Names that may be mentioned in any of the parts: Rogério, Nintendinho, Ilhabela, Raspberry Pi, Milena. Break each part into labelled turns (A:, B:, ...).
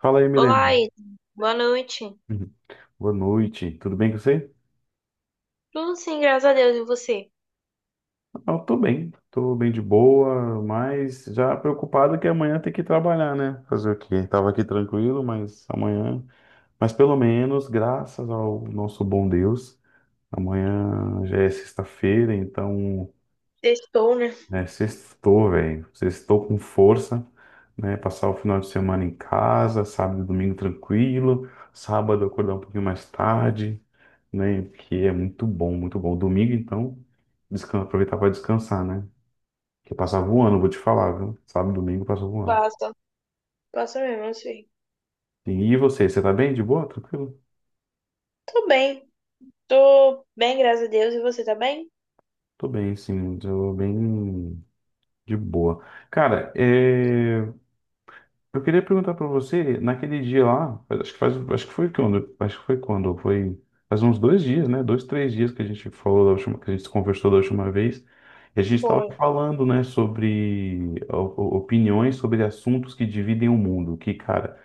A: Fala aí,
B: Olá,
A: Milena.
B: Ida. Boa noite.
A: Uhum. Boa noite. Tudo bem com você?
B: Tudo sim, graças a Deus. E você?
A: Eu tô bem. Tô bem de boa, mas já preocupado que amanhã tem que trabalhar, né? Fazer o quê? Tava aqui tranquilo, mas amanhã. Mas pelo menos, graças ao nosso bom Deus, amanhã já é sexta-feira, então
B: Estou, né?
A: é sextou, velho. Sextou com força, né? Passar o final de semana em casa, sábado e domingo tranquilo, sábado acordar um pouquinho mais tarde, né? Porque é muito bom, muito bom. Domingo, então, aproveitar para descansar, né? Porque passava voando, vou te falar, viu? Sábado, domingo passa voando.
B: Passa. Passa mesmo, assim.
A: E você, você tá bem? De boa? Tranquilo?
B: Tô bem. Tô bem, graças a Deus. E você tá bem?
A: Tô bem, sim, tô bem de boa. Cara, eu queria perguntar pra você, naquele dia lá, acho que faz, acho que foi quando, acho que foi quando, foi faz uns dois dias, né? Dois, três dias que a gente falou da última, que a gente se conversou da última vez, e a gente estava
B: Foi.
A: falando, né, sobre opiniões sobre assuntos que dividem o mundo, que, cara,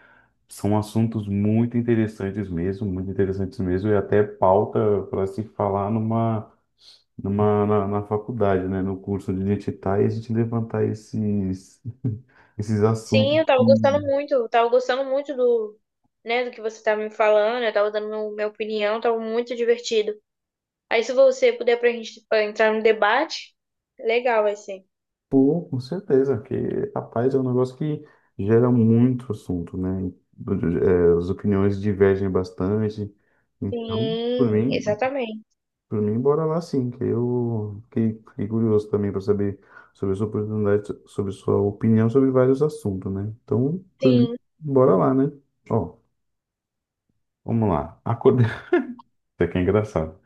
A: são assuntos muito interessantes mesmo, e até pauta para se falar na faculdade, né, no curso de onde a gente está, e a gente levantar esses, esses assuntos.
B: Sim, eu tava gostando muito. Né, do que você tava me falando. Eu tava dando minha opinião. Tava muito divertido. Aí, se você puder pra gente pra entrar no debate, legal vai ser.
A: Pô, com certeza, porque, rapaz, é um negócio que gera muito assunto, né? É, as opiniões divergem bastante. Então, por
B: Sim,
A: mim,
B: exatamente.
A: por mim, bora lá sim, que eu fiquei curioso também para saber sobre sua oportunidade, sobre sua opinião sobre vários assuntos, né? Então, por mim,
B: Sim.
A: bora lá, né? Ó, vamos lá. Acordar. Isso aqui é engraçado.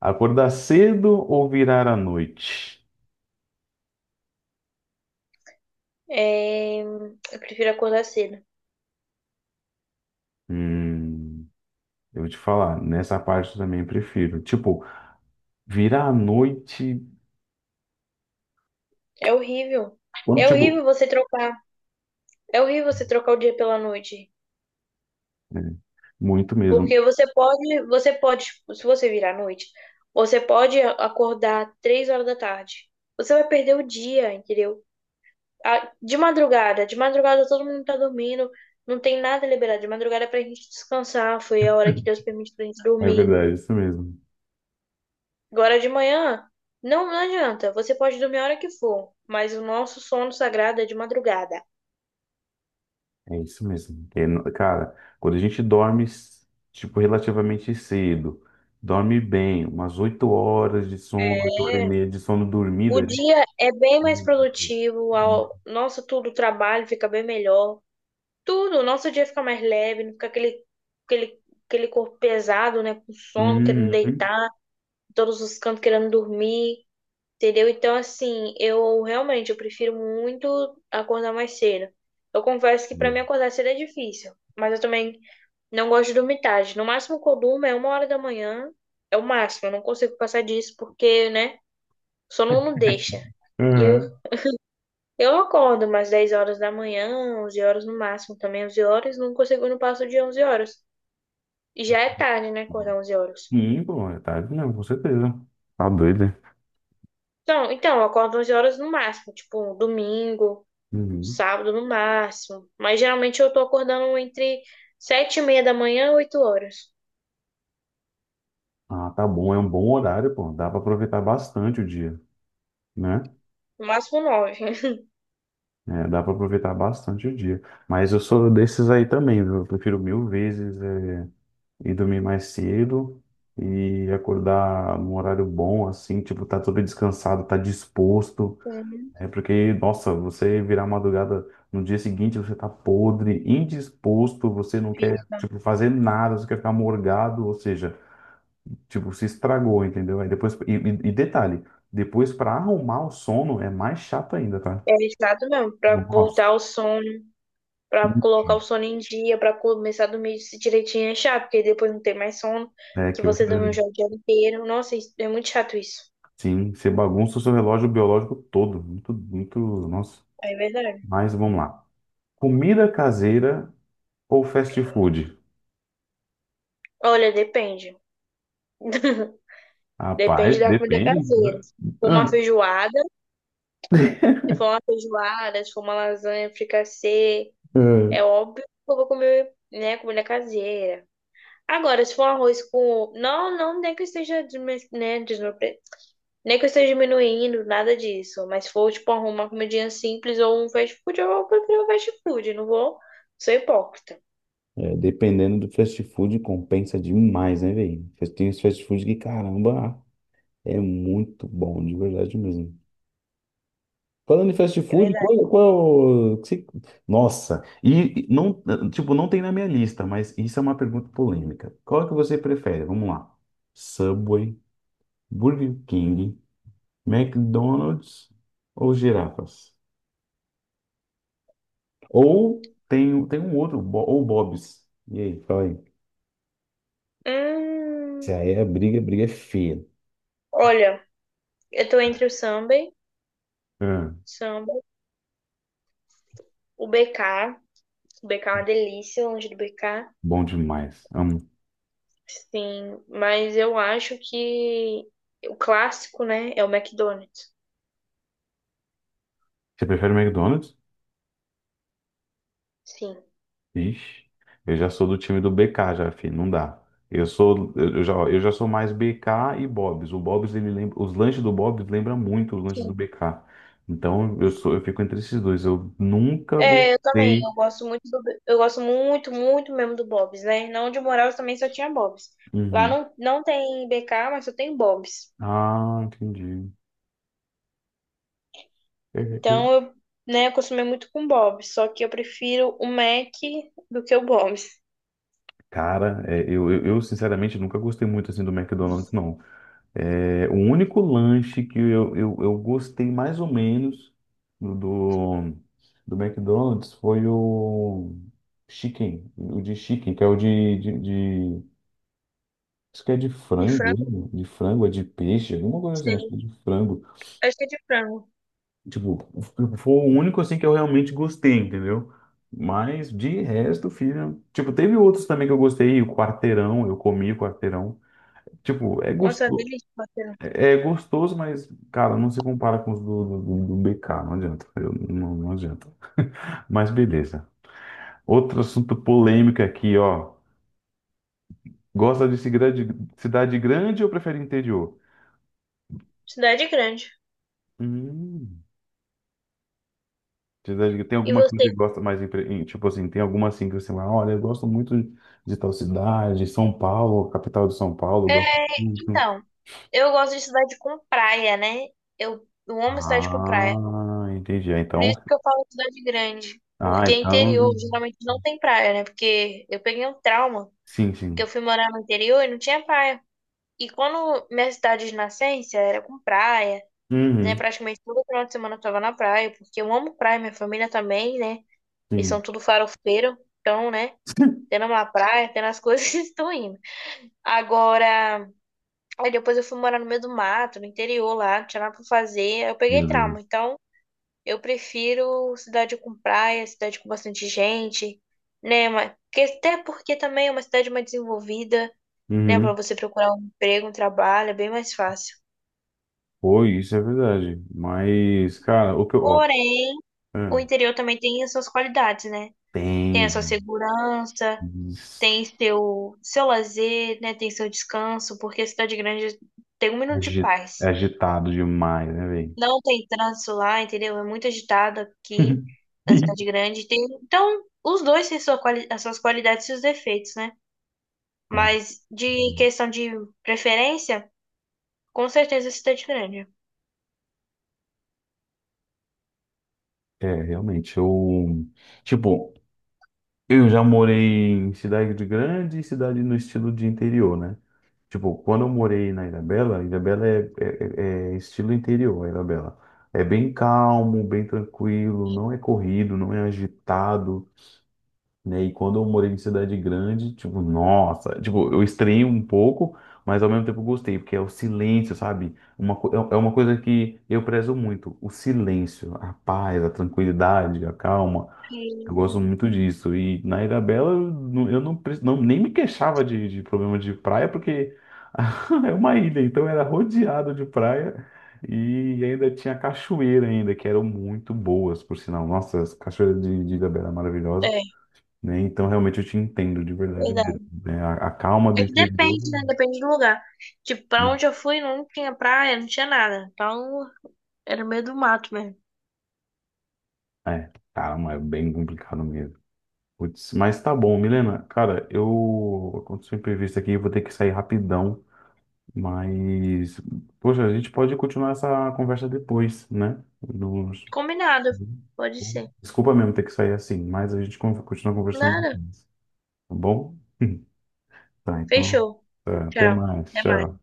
A: Acordar cedo ou virar à noite?
B: Eu prefiro acordar cedo.
A: Hum, eu vou te falar, nessa parte eu também prefiro. Tipo, vira à noite,
B: É horrível.
A: quando,
B: É
A: tipo,
B: horrível você trocar. É horrível você trocar o dia pela noite,
A: é, muito mesmo.
B: porque você pode, tipo, se você virar à noite, você pode acordar 3 horas da tarde. Você vai perder o dia, entendeu? De madrugada todo mundo tá dormindo, não tem nada liberado. De madrugada é pra gente descansar, foi a hora que Deus permite pra gente
A: É
B: dormir.
A: verdade, é isso mesmo.
B: Agora de manhã, não adianta, você pode dormir a hora que for, mas o nosso sono sagrado é de madrugada.
A: É isso mesmo. É, cara, quando a gente dorme, tipo, relativamente cedo, dorme bem, umas 8 horas de sono, 8 horas e
B: É,
A: meia de sono dormida
B: O
A: ali.
B: dia é bem mais
A: Meu Deus.
B: produtivo, nossa, tudo, o trabalho fica bem melhor. Tudo, o nosso dia fica mais leve, não fica aquele, aquele, aquele corpo pesado, né? Com sono, querendo
A: Hum, hum.
B: deitar, em todos os cantos querendo dormir, entendeu? Então, assim, eu prefiro muito acordar mais cedo. Eu confesso que pra mim acordar cedo é difícil, mas eu também não gosto de dormir tarde. No máximo que eu durmo é 1 hora da manhã, é o máximo, eu não consigo passar disso porque, né, o sono não deixa. E eu
A: Uhum.
B: Eu acordo umas 10 horas da manhã, 11 horas no máximo, também 11 horas, nunca segundo passo de 11 horas. E já é tarde, né, acordar 11 horas.
A: Sim, pô, é tarde mesmo, com certeza. Tá doido, né?
B: Então, eu acordo 11 horas no máximo, tipo, um domingo,
A: Uhum.
B: sábado no máximo. Mas geralmente eu tô acordando entre 7 e meia da manhã e 8 horas.
A: Ah, tá bom, é um bom horário, pô. Dá pra aproveitar bastante o dia, né?
B: No máximo 9.
A: É, dá para aproveitar bastante o dia. Mas eu sou desses aí também, viu? Eu prefiro mil vezes ir dormir mais cedo e acordar num horário bom, assim, tipo, tá todo descansado, tá disposto. É porque, nossa, você virar madrugada no dia seguinte, você tá podre, indisposto, você não quer,
B: Fica.
A: tipo, fazer nada, você quer ficar morgado, ou seja, tipo, se estragou, entendeu? Aí depois, e detalhe, depois para arrumar o sono é mais chato ainda, tá?
B: É chato mesmo, pra
A: Nossa.
B: voltar ao sono. Pra colocar o sono em dia, pra começar a dormir direitinho é chato, porque depois não tem mais sono,
A: É
B: que
A: que você,
B: você dormiu já o dia inteiro. Nossa, é muito chato isso.
A: sim, você bagunça o seu relógio biológico todo. Muito, muito, nossa.
B: É verdade.
A: Mas vamos lá. Comida caseira ou fast food?
B: Olha, depende. Depende
A: Rapaz,
B: da comida
A: depende
B: caseira.
A: do...
B: For uma
A: Ah,
B: feijoada, Se for uma feijoada, se for uma lasanha fricassê, é óbvio que eu vou comer, né, comida caseira. Agora, se for arroz com. Não, não, nem que eu esteja, desme- né, desnupre- nem que eu esteja diminuindo, nada disso. Mas se for, tipo, uma comidinha simples ou um fast food, eu prefiro fast food, não vou. Sou hipócrita,
A: é, é, dependendo do fast food, compensa demais, né, velho? Tem os fast food que, caramba, é muito bom, de verdade mesmo. Falando em fast
B: é
A: food,
B: verdade.
A: qual, qual... que se- nossa, e não, tipo, não tem na minha lista, mas isso é uma pergunta polêmica. Qual que você prefere? Vamos lá. Subway, Burger King, McDonald's ou girafas? Ou tem, tem um outro, ou Bob's. E aí, fala aí. Se
B: Hum,
A: aí a briga é feia.
B: Olha, eu tô entre o samba,
A: Ah,
B: samba, o BK. O BK é uma delícia, longe do BK.
A: bom demais. Amo.
B: Sim, mas eu acho que o clássico, né, é o McDonald's.
A: Você prefere McDonald's?
B: Sim.
A: Ixi, eu já sou do time do BK já, filho, não dá. Eu já sou mais BK e Bob's. O Bob's, ele lembra, os lanches do Bob's lembram muito os lanches do BK. Então, eu sou, eu fico entre esses dois. Eu nunca
B: É, eu também.
A: gostei.
B: Eu gosto muito, muito mesmo do Bob's, né? Na onde eu morava também só tinha Bob's. Lá
A: Uhum.
B: não tem BK, mas só tem Bob's.
A: Ah, entendi. É, é,
B: Então
A: é.
B: né, acostumei muito com Bob's, só que eu prefiro o Mac do que o Bob's.
A: Cara, é, eu sinceramente nunca gostei muito assim do McDonald's, não. É, o único lanche que eu gostei mais ou menos do, do, do McDonald's foi o chicken, o de chicken, que é o de- acho que é de
B: De
A: frango, ele,
B: frango, não
A: né? De frango, é de peixe, alguma coisa assim, acho que
B: sei.
A: é de frango.
B: Acho que é de frango.
A: Tipo, foi o único assim que eu realmente gostei, entendeu? Mas de resto, filho, tipo, teve outros também que eu gostei, o quarteirão, eu comi o quarteirão. Tipo, é
B: Nossa, é
A: gostoso.
B: delícia, Matheus.
A: É gostoso, mas, cara, não se compara com os do BK, não, não adianta. Mas beleza. Outro assunto polêmico aqui, ó. Gosta de cidade, cidade grande ou prefere interior?
B: Cidade grande.
A: Hum, cidade, tem
B: E
A: alguma que
B: você?
A: você gosta mais, tipo assim, tem alguma assim que você fala, olha, eu gosto muito de tal cidade, São Paulo, capital de São Paulo, eu
B: É,
A: gosto muito.
B: então, eu gosto de cidade com praia, né? Eu amo cidade com praia.
A: Ah, entendi. Ah,
B: Por
A: então,
B: isso que eu falo cidade grande.
A: ah,
B: Porque interior
A: então,
B: geralmente não tem praia, né? Porque eu peguei um trauma,
A: sim,
B: porque
A: sim.
B: eu fui morar no interior e não tinha praia. E quando minha cidade de nascença era com praia, né?
A: Uhum,
B: Praticamente todo final de semana eu tava na praia, porque eu amo praia, minha família também, né? Eles são
A: sim.
B: tudo farofeiro, então, né? Tendo uma praia, tendo as coisas, estou indo. Agora, aí depois eu fui morar no meio do mato, no interior lá, não tinha nada pra fazer, aí eu peguei
A: Meu Deus.
B: trauma. Então, eu prefiro cidade com praia, cidade com bastante gente, né? Até porque também é uma cidade mais desenvolvida, né? Para
A: Uhum.
B: você procurar um emprego, um trabalho, é bem mais fácil.
A: Foi, isso é verdade. Mas, cara, o que eu. Ó,
B: Porém, o
A: é,
B: interior também tem as suas qualidades, né? Tem a sua
A: tem.
B: segurança,
A: is-
B: tem seu lazer, né? Tem seu descanso, porque a cidade grande tem um minuto de
A: agi- É
B: paz.
A: agitado demais, né, velho?
B: Não tem trânsito lá, entendeu? É muito agitado aqui na cidade grande. Tem, então, os dois têm as suas qualidades e seus defeitos, né?
A: É,
B: Mas de questão de preferência, com certeza cidade grande.
A: é, realmente. Eu. Tipo, eu já morei em cidade grande e cidade no estilo de interior, né? Tipo, quando eu morei na Ilhabela, Ilhabela é estilo interior, a Ilhabela. É bem calmo, bem tranquilo, não é corrido, não é agitado, né? E quando eu morei em cidade grande, tipo, nossa, tipo, eu estranhei um pouco, mas ao mesmo tempo eu gostei, porque é o silêncio, sabe? É é uma coisa que eu prezo muito, o silêncio, a paz, a tranquilidade, a calma. Eu gosto
B: Hum,
A: muito disso. E na Ilha Bela eu não, nem me queixava de problema de praia, porque é uma ilha, então era rodeado de praia. E ainda tinha cachoeira ainda, que eram muito boas, por sinal. Nossa, as cachoeiras de Ilhabela eram maravilhosas,
B: É,
A: né? Então, realmente, eu te entendo de verdade
B: verdade.
A: mesmo, né? A calma
B: É
A: do
B: que
A: interior.
B: depende, né? Depende do lugar. Tipo, pra onde eu fui não tinha praia, não tinha nada. Então, era no meio do mato mesmo.
A: É, calma, é bem complicado mesmo. Putz, mas tá bom, Milena. Cara, eu. Aconteceu um imprevisto aqui, eu vou ter que sair rapidão. Mas. Poxa, a gente pode continuar essa conversa depois, né?
B: Combinado. Pode ser.
A: Desculpa mesmo ter que sair assim, mas a gente continua conversando
B: Nada.
A: depois, tá bom? Tá, então,
B: Fechou.
A: tá, até
B: Tchau.
A: mais.
B: Até mais.
A: Tchau.